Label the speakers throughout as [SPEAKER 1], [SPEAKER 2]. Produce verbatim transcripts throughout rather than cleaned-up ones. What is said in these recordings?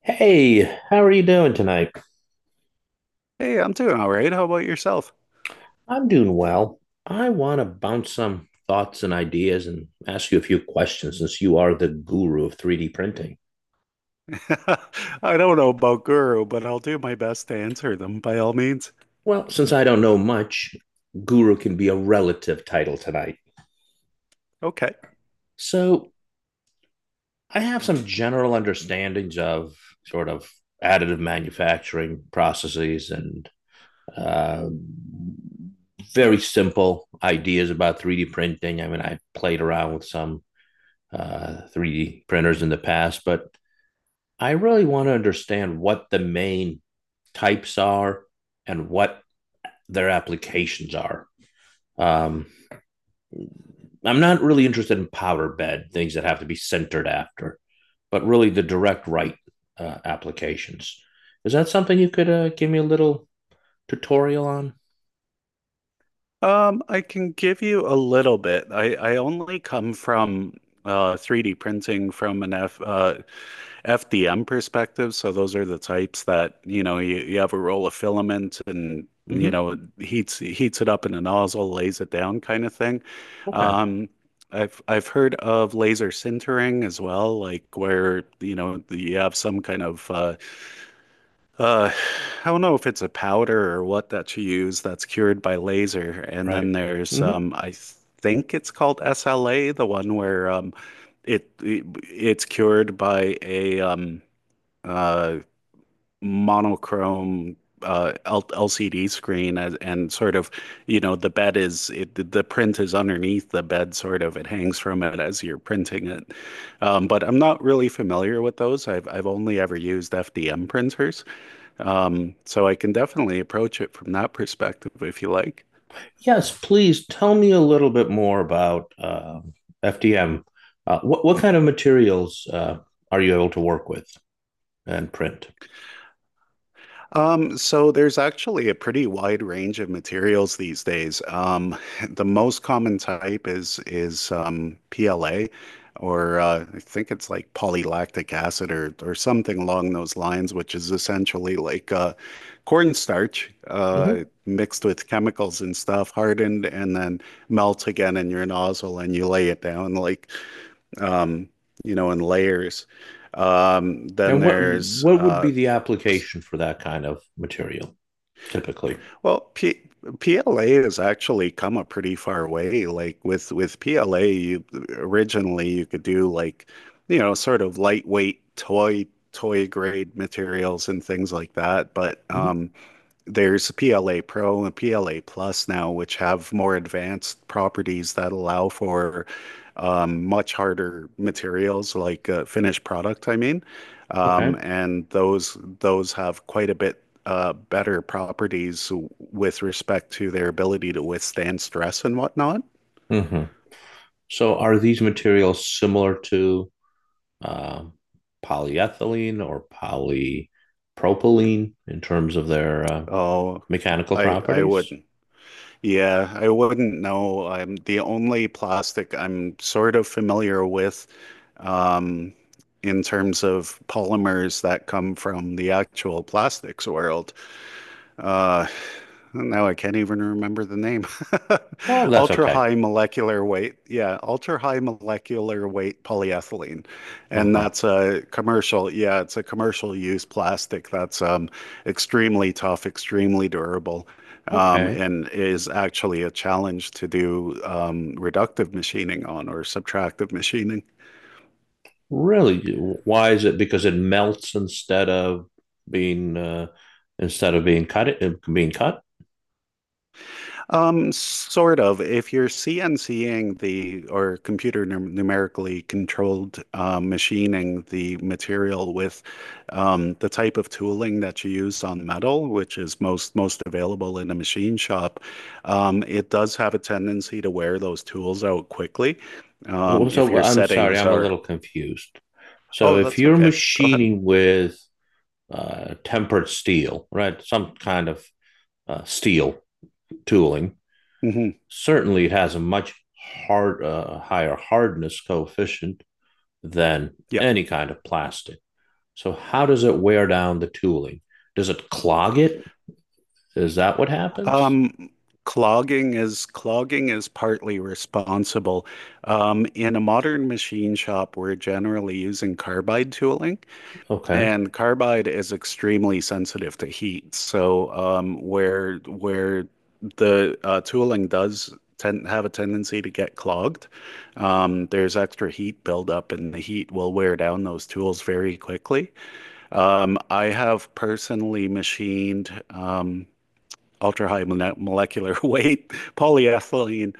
[SPEAKER 1] Hey, how are you doing tonight?
[SPEAKER 2] Hey, I'm doing all right. How about yourself?
[SPEAKER 1] I'm doing well. I want to bounce some thoughts and ideas and ask you a few questions since you are the guru of three D printing.
[SPEAKER 2] I don't know about Guru, but I'll do my best to answer them by all means.
[SPEAKER 1] Well, since I don't know much, guru can be a relative title tonight.
[SPEAKER 2] Okay.
[SPEAKER 1] So, I have some general understandings of sort of additive manufacturing processes and uh, very simple ideas about three D printing. I mean, I played around with some uh, three D printers in the past, but I really want to understand what the main types are and what their applications are. Um, I'm not really interested in powder bed, things that have to be centered after, but really the direct write uh, applications. Is that something you could uh, give me a little tutorial on?
[SPEAKER 2] Um, I can give you a little bit. I, I only come from uh, three D printing from an F, uh, F D M perspective. So those are the types that, you know, you, you have a roll of filament and, you
[SPEAKER 1] Hmm.
[SPEAKER 2] know, it heats heats it up in a nozzle, lays it down kind of thing.
[SPEAKER 1] Okay.
[SPEAKER 2] Um, I've I've heard of laser sintering as well, like where, you know, you have some kind of uh, uh, I don't know if it's a powder or what that you use that's cured by laser. And
[SPEAKER 1] Right.
[SPEAKER 2] then there's
[SPEAKER 1] Hmm.
[SPEAKER 2] um, I think it's called S L A, the one where um, it, it it's cured by a um uh monochrome uh L LCD screen, as, and sort of you know the bed is it the the print is underneath the bed, sort of it hangs from it as you're printing it. Um, but I'm not really familiar with those. I've I've only ever used F D M printers. Um, so I can definitely approach it from that perspective if you like.
[SPEAKER 1] Yes, please tell me a little bit more about um F D M. Uh, what what kind of materials uh, are you able to work with and print?
[SPEAKER 2] Um, so there's actually a pretty wide range of materials these days. Um, the most common type is is um, P L A, or uh, I think it's like polylactic acid or or something along those lines, which is essentially like uh, cornstarch
[SPEAKER 1] Mm-hmm.
[SPEAKER 2] uh, mixed with chemicals and stuff, hardened and then melt again in your nozzle, and you lay it down like. um, you know, in layers. Um, Then
[SPEAKER 1] And what
[SPEAKER 2] there's,
[SPEAKER 1] what would
[SPEAKER 2] uh,
[SPEAKER 1] be the application for that kind of material typically?
[SPEAKER 2] well, P PLA has actually come a pretty far way. Like with with P L A, you originally you could do like, you know, sort of lightweight toy toy grade materials and things like that. But
[SPEAKER 1] Mhm.
[SPEAKER 2] um, There's P L A Pro and P L A Plus now, which have more advanced properties that allow for um, much harder materials, like uh, finished product, I mean.
[SPEAKER 1] Okay.
[SPEAKER 2] Um, and those those have quite a bit uh, better properties with respect to their ability to withstand stress and whatnot.
[SPEAKER 1] Hmm. So are these materials similar to um polyethylene or polypropylene in terms of their uh,
[SPEAKER 2] Oh,
[SPEAKER 1] mechanical
[SPEAKER 2] I I
[SPEAKER 1] properties?
[SPEAKER 2] wouldn't. Yeah, I wouldn't know. Um, the only plastic I'm sort of familiar with, um, in terms of polymers that come from the actual plastics world, uh, now I can't even remember the name.
[SPEAKER 1] Well, that's
[SPEAKER 2] Ultra
[SPEAKER 1] okay.
[SPEAKER 2] high molecular weight. Yeah, ultra high molecular weight polyethylene. And
[SPEAKER 1] Uh-huh.
[SPEAKER 2] that's a commercial, yeah, it's a commercial use plastic that's um, extremely tough, extremely durable, um,
[SPEAKER 1] Okay.
[SPEAKER 2] and is actually a challenge to do um, reductive machining on, or subtractive machining.
[SPEAKER 1] Really? Why is it? Because it melts instead of being uh, instead of being cut being cut.
[SPEAKER 2] Um, sort of. If you're CNCing the, or computer num numerically controlled uh, machining the material with um, the type of tooling that you use on metal, which is most most available in a machine shop, um, it does have a tendency to wear those tools out quickly.
[SPEAKER 1] Oh,
[SPEAKER 2] Um,
[SPEAKER 1] so
[SPEAKER 2] if
[SPEAKER 1] well,
[SPEAKER 2] your
[SPEAKER 1] I'm sorry,
[SPEAKER 2] settings
[SPEAKER 1] I'm a
[SPEAKER 2] are,
[SPEAKER 1] little confused. So
[SPEAKER 2] Oh,
[SPEAKER 1] if
[SPEAKER 2] that's
[SPEAKER 1] you're
[SPEAKER 2] okay. Go ahead.
[SPEAKER 1] machining with uh, tempered steel, right, some kind of uh, steel tooling,
[SPEAKER 2] hmm
[SPEAKER 1] certainly it has a much hard, uh, higher hardness coefficient than
[SPEAKER 2] Yeah.
[SPEAKER 1] any kind of plastic. So how does it wear down the tooling? Does it clog it? Is that what happens?
[SPEAKER 2] Um, clogging is Clogging is partly responsible. Um, in a modern machine shop, we're generally using carbide tooling,
[SPEAKER 1] Okay.
[SPEAKER 2] and carbide is extremely sensitive to heat. So, um, where where the uh, tooling does tend have a tendency to get clogged, um, there's extra heat buildup, and the heat will wear down those tools very quickly. Um, I have personally machined. Um, ultra-high molecular weight polyethylene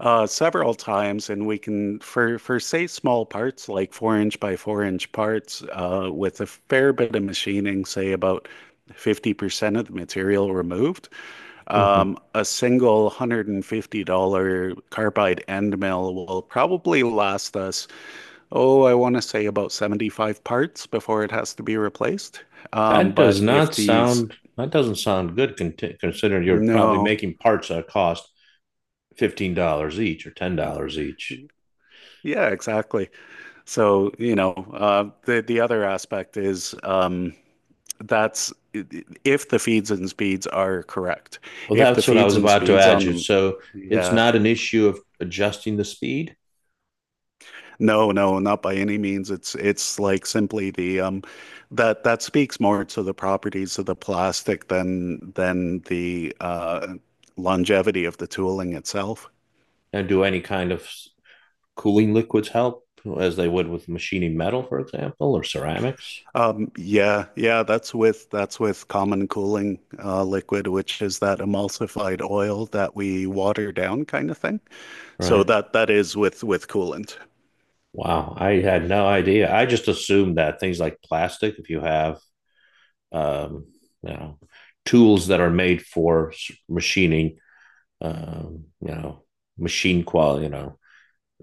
[SPEAKER 2] uh, several times, and we can, for for say small parts, like four-inch by four-inch parts, uh, with a fair bit of machining, say about fifty percent of the material removed,
[SPEAKER 1] Hmm.
[SPEAKER 2] um, a single one hundred fifty dollars carbide end mill will probably last us, oh, I want to say about seventy-five parts before it has to be replaced. Um,
[SPEAKER 1] That does
[SPEAKER 2] But if
[SPEAKER 1] not
[SPEAKER 2] these,
[SPEAKER 1] sound. That doesn't sound good. con- Considering you're probably
[SPEAKER 2] No,
[SPEAKER 1] making parts that cost fifteen dollars each or ten dollars each.
[SPEAKER 2] yeah, exactly. So, you know, uh, the the other aspect is um, that's if the feeds and speeds are correct.
[SPEAKER 1] Well,
[SPEAKER 2] If the
[SPEAKER 1] that's what I
[SPEAKER 2] feeds
[SPEAKER 1] was
[SPEAKER 2] and
[SPEAKER 1] about to
[SPEAKER 2] speeds
[SPEAKER 1] add
[SPEAKER 2] on
[SPEAKER 1] you.
[SPEAKER 2] them,
[SPEAKER 1] So it's
[SPEAKER 2] Yeah,
[SPEAKER 1] not an issue of adjusting the speed
[SPEAKER 2] no, no, not by any means. It's it's like simply the um, that that speaks more to the properties of the plastic than than the uh, longevity of the tooling itself.
[SPEAKER 1] and do any kind of cooling liquids help as they would with machining metal, for example, or ceramics,
[SPEAKER 2] Um, Yeah, yeah, that's with that's with common cooling uh, liquid, which is that emulsified oil that we water down kind of thing. So
[SPEAKER 1] right?
[SPEAKER 2] that that is with with coolant.
[SPEAKER 1] Wow, I had no idea. I just assumed that things like plastic, if you have, um, you know, tools that are made for machining, um, you know, machine quality, you know,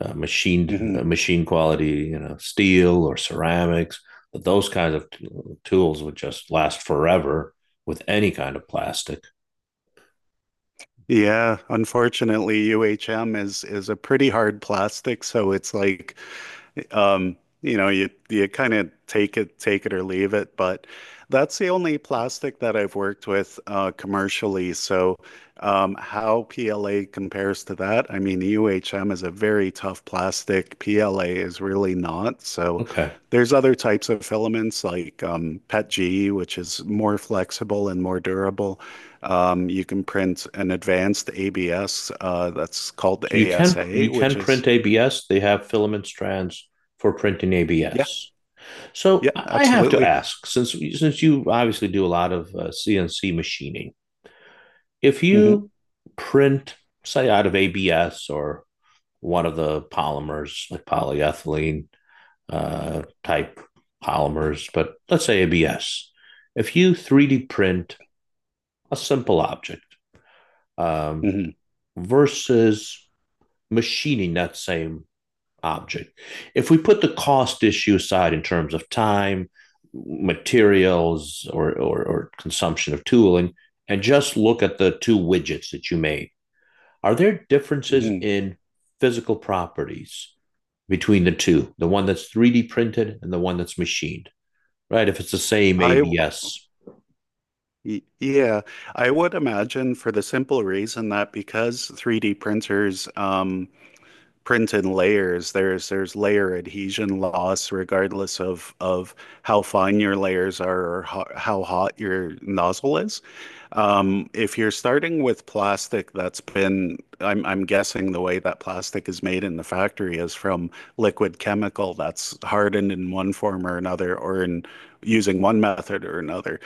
[SPEAKER 1] uh, machined
[SPEAKER 2] hmm
[SPEAKER 1] uh, machine quality, you know, steel or ceramics. But those kinds of t- tools would just last forever with any kind of plastic.
[SPEAKER 2] Yeah, unfortunately, U H M is is a pretty hard plastic, so it's like Um, you know, you you kind of take it, take it or leave it, but that's the only plastic that I've worked with uh, commercially. So, um, how P L A compares to that? I mean, U H M is a very tough plastic. P L A is really not. So,
[SPEAKER 1] Okay,
[SPEAKER 2] there's other types of filaments like um, P E T G, which is more flexible and more durable. Um, you can print an advanced A B S uh, that's called
[SPEAKER 1] so you can
[SPEAKER 2] ASA,
[SPEAKER 1] you can
[SPEAKER 2] which
[SPEAKER 1] print
[SPEAKER 2] is
[SPEAKER 1] A B S. They have filament strands for printing
[SPEAKER 2] yeah,
[SPEAKER 1] A B S. So
[SPEAKER 2] yeah,
[SPEAKER 1] I have to
[SPEAKER 2] absolutely.
[SPEAKER 1] ask, since since you obviously do a lot of uh, C N C machining, if
[SPEAKER 2] hmm
[SPEAKER 1] you print, say, out of A B S or one of the polymers like polyethylene, uh, type polymers, but let's say A B S. If you three D print a simple object um,
[SPEAKER 2] hmm
[SPEAKER 1] versus machining that same object, if we put the cost issue aside in terms of time, materials, or, or, or consumption of tooling, and just look at the two widgets that you made, are there differences
[SPEAKER 2] hmm
[SPEAKER 1] in physical properties between the two, the one that's three D printed and the one that's machined? Right, if it's the same
[SPEAKER 2] I w-
[SPEAKER 1] A B S.
[SPEAKER 2] y- yeah, I would imagine for the simple reason that because three D printers um print in layers. There's there's layer adhesion loss regardless of of how fine your layers are or ho how hot your nozzle is. Um, if you're starting with plastic that's been, I'm I'm guessing the way that plastic is made in the factory is from liquid chemical that's hardened in one form or another, or in using one method or another.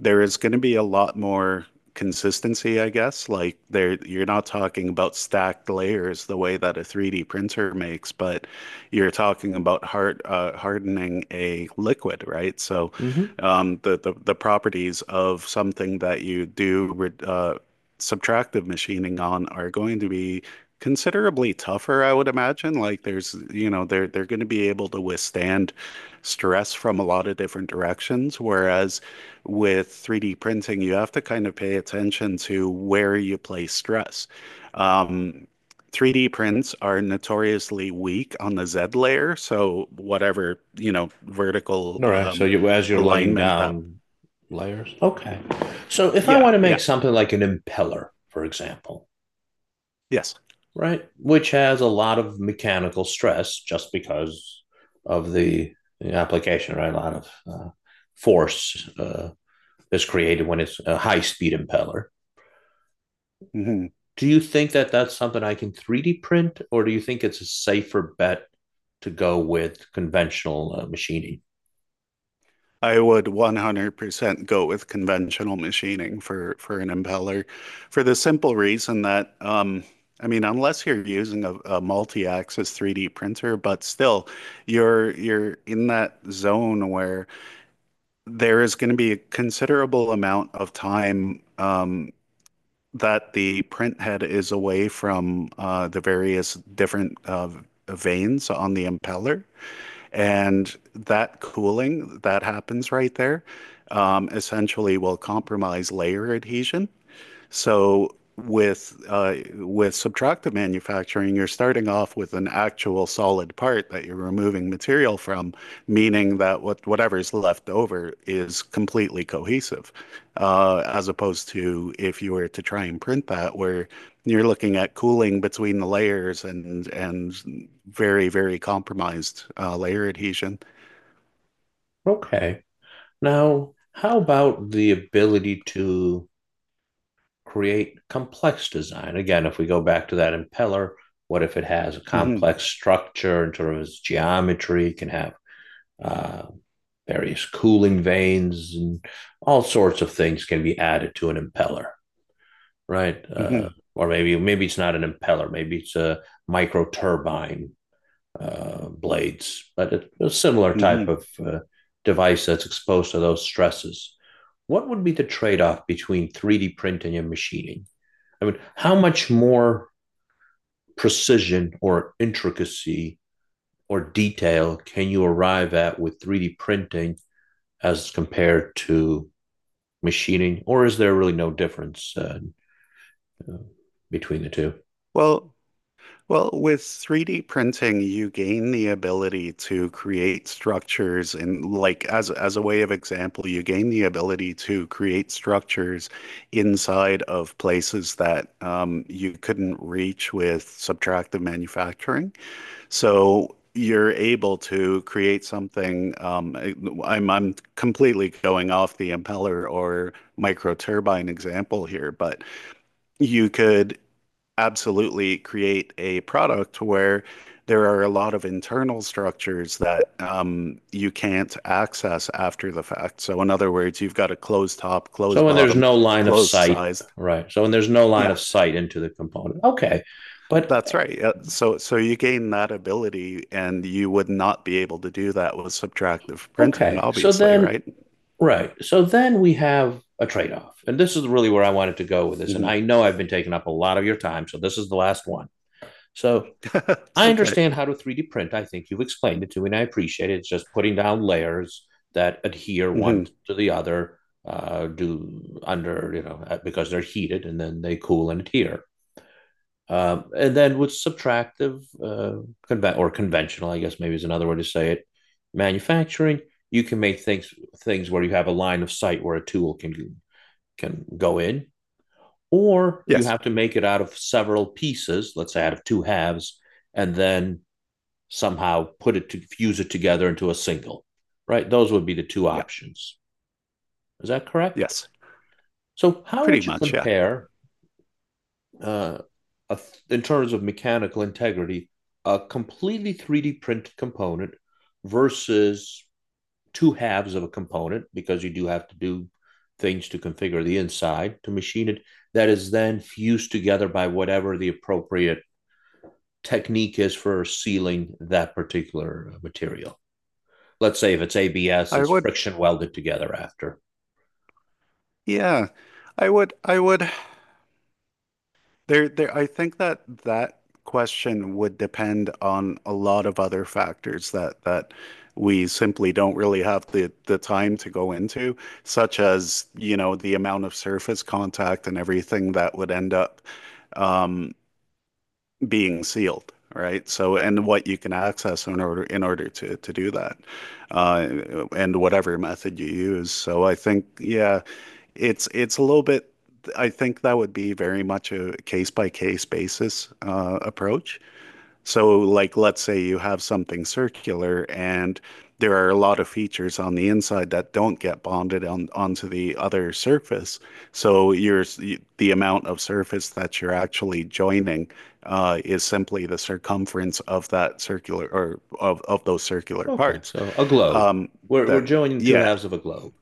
[SPEAKER 2] There is going to be a lot more consistency, I guess. Like there, you're not talking about stacked layers the way that a three D printer makes, but you're talking about hard uh, hardening a liquid, right? So,
[SPEAKER 1] Mm-hmm.
[SPEAKER 2] um, the, the the properties of something that you do uh, subtractive machining on are going to be considerably tougher, I would imagine. Like there's, you know, they're they're going to be able to withstand stress from a lot of different directions, whereas with three D printing, you have to kind of pay attention to where you place stress. Um, three D prints are notoriously weak on the Z layer, so whatever, you know, vertical
[SPEAKER 1] All right, so
[SPEAKER 2] um,
[SPEAKER 1] you as you're laying
[SPEAKER 2] alignment that.
[SPEAKER 1] down layers. Okay. So if I
[SPEAKER 2] Yeah,
[SPEAKER 1] want to
[SPEAKER 2] yeah,
[SPEAKER 1] make something like an impeller, for example,
[SPEAKER 2] yes.
[SPEAKER 1] right, which has a lot of mechanical stress just because of the, the application, right, a lot of uh, force. Uh, is created when it's a high speed impeller.
[SPEAKER 2] Mhm.
[SPEAKER 1] Do you think that that's something I can three D print, or do you think it's a safer bet to go with conventional uh, machining?
[SPEAKER 2] I would one hundred percent go with conventional machining for for an impeller for the simple reason that um I mean unless you're using a, a multi-axis three D printer, but still you're you're in that zone where there is going to be a considerable amount of time um that the print head is away from uh, the various different uh, veins on the impeller. And that cooling that happens right there um, essentially will compromise layer adhesion. So with uh, with subtractive manufacturing, you're starting off with an actual solid part that you're removing material from, meaning that what whatever's left over is completely cohesive, uh, as opposed to if you were to try and print that, where you're looking at cooling between the layers and and very, very compromised uh, layer adhesion.
[SPEAKER 1] Okay. Now, how about the ability to create complex design? Again, if we go back to that impeller, what if it has a
[SPEAKER 2] hmm
[SPEAKER 1] complex structure in terms of its geometry, can have uh, various cooling vanes and all sorts of things can be added to an impeller, right? Uh,
[SPEAKER 2] hmm
[SPEAKER 1] or maybe maybe it's not an impeller, maybe it's a micro turbine uh, blades, but it, a similar type
[SPEAKER 2] hmm
[SPEAKER 1] of uh, device that's exposed to those stresses. What would be the trade off between three D printing and machining? I mean, how much more precision or intricacy or detail can you arrive at with three D printing as compared to machining, or is there really no difference uh, between the two?
[SPEAKER 2] Well, Well, with three D printing, you gain the ability to create structures, and like as as a way of example, you gain the ability to create structures inside of places that um, you couldn't reach with subtractive manufacturing. So you're able to create something. Um, I'm I'm completely going off the impeller or microturbine example here, but you could absolutely create a product where there are a lot of internal structures that um, you can't access after the fact. So, in other words, you've got a closed top,
[SPEAKER 1] So
[SPEAKER 2] closed
[SPEAKER 1] when there's
[SPEAKER 2] bottom,
[SPEAKER 1] no line of
[SPEAKER 2] closed
[SPEAKER 1] sight,
[SPEAKER 2] size.
[SPEAKER 1] right? So when there's no line
[SPEAKER 2] Yeah,
[SPEAKER 1] of sight into the component, okay, but
[SPEAKER 2] that's right. Uh, So, so you gain that ability, and you would not be able to do that with subtractive printing,
[SPEAKER 1] okay. So
[SPEAKER 2] obviously,
[SPEAKER 1] then,
[SPEAKER 2] right?
[SPEAKER 1] right. So then we have a trade off. And this is really where I wanted to go with this. And
[SPEAKER 2] hmm
[SPEAKER 1] I know I've been taking up a lot of your time. So this is the last one. So
[SPEAKER 2] It's
[SPEAKER 1] I
[SPEAKER 2] okay.
[SPEAKER 1] understand how to three D print. I think you've explained it to me, and I appreciate it. It's just putting down layers that adhere one
[SPEAKER 2] hmm
[SPEAKER 1] to the other, uh, do under, you know, uh, because they're heated and then they cool and adhere. Um, and then with subtractive uh, conve- or conventional, I guess maybe is another way to say it, manufacturing, you can make things things where you have a line of sight where a tool can can go in, or you
[SPEAKER 2] Yes.
[SPEAKER 1] have to make it out of several pieces, let's say out of two halves, and then somehow put it to fuse it together into a single, right? Those would be the two
[SPEAKER 2] Yeah.
[SPEAKER 1] options. Is that correct?
[SPEAKER 2] Yes.
[SPEAKER 1] So, how
[SPEAKER 2] Pretty
[SPEAKER 1] would you
[SPEAKER 2] much. Yeah.
[SPEAKER 1] compare, uh, a in terms of mechanical integrity, a completely three D printed component versus two halves of a component, because you do have to do things to configure the inside to machine it, that is then fused together by whatever the appropriate technique is for sealing that particular uh, material? Let's say if it's A B S,
[SPEAKER 2] I
[SPEAKER 1] it's
[SPEAKER 2] would.
[SPEAKER 1] friction welded together after.
[SPEAKER 2] Yeah. I would. I would There, there, I think that that question would depend on a lot of other factors that that we simply don't really have the the time to go into, such as, you know, the amount of surface contact and everything that would end up. um, Being sealed, right? So, and what you can access in order in order to to do that, uh, and whatever method you use. So, I think yeah, it's it's a little bit. I think that would be very much a case by case basis uh, approach. So, like, let's say you have something circular and there are a lot of features on the inside that don't get bonded on onto the other surface. So, your the amount of surface that you're actually joining uh, is simply the circumference of that circular or of, of those circular
[SPEAKER 1] Okay,
[SPEAKER 2] parts.
[SPEAKER 1] so a globe.
[SPEAKER 2] Um,
[SPEAKER 1] We're we're
[SPEAKER 2] then,
[SPEAKER 1] joining two
[SPEAKER 2] yeah.
[SPEAKER 1] halves of a globe.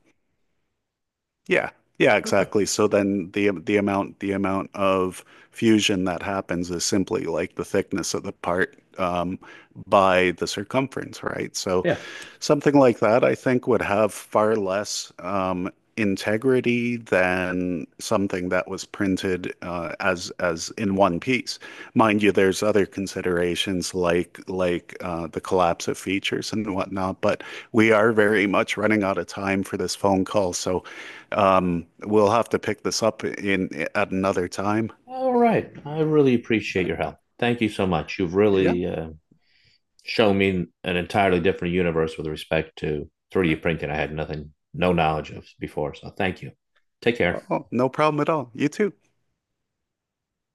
[SPEAKER 2] Yeah. Yeah,
[SPEAKER 1] Okay.
[SPEAKER 2] exactly. So then the the amount the amount of fusion that happens is simply like the thickness of the part um, by the circumference, right? So
[SPEAKER 1] Yeah.
[SPEAKER 2] something like that, I think, would have far less um, integrity than something that was printed uh, as as in one piece. Mind you, there's other considerations like like uh, the collapse of features and whatnot, but we are very much running out of time for this phone call, so um, we'll have to pick this up in at another time.
[SPEAKER 1] All right. I really appreciate your help. Thank you so much. You've
[SPEAKER 2] Yeah,
[SPEAKER 1] really uh, show me an entirely different universe with respect to three D printing I had nothing, no knowledge of before. So thank you. Take care.
[SPEAKER 2] oh, no problem at all. You too.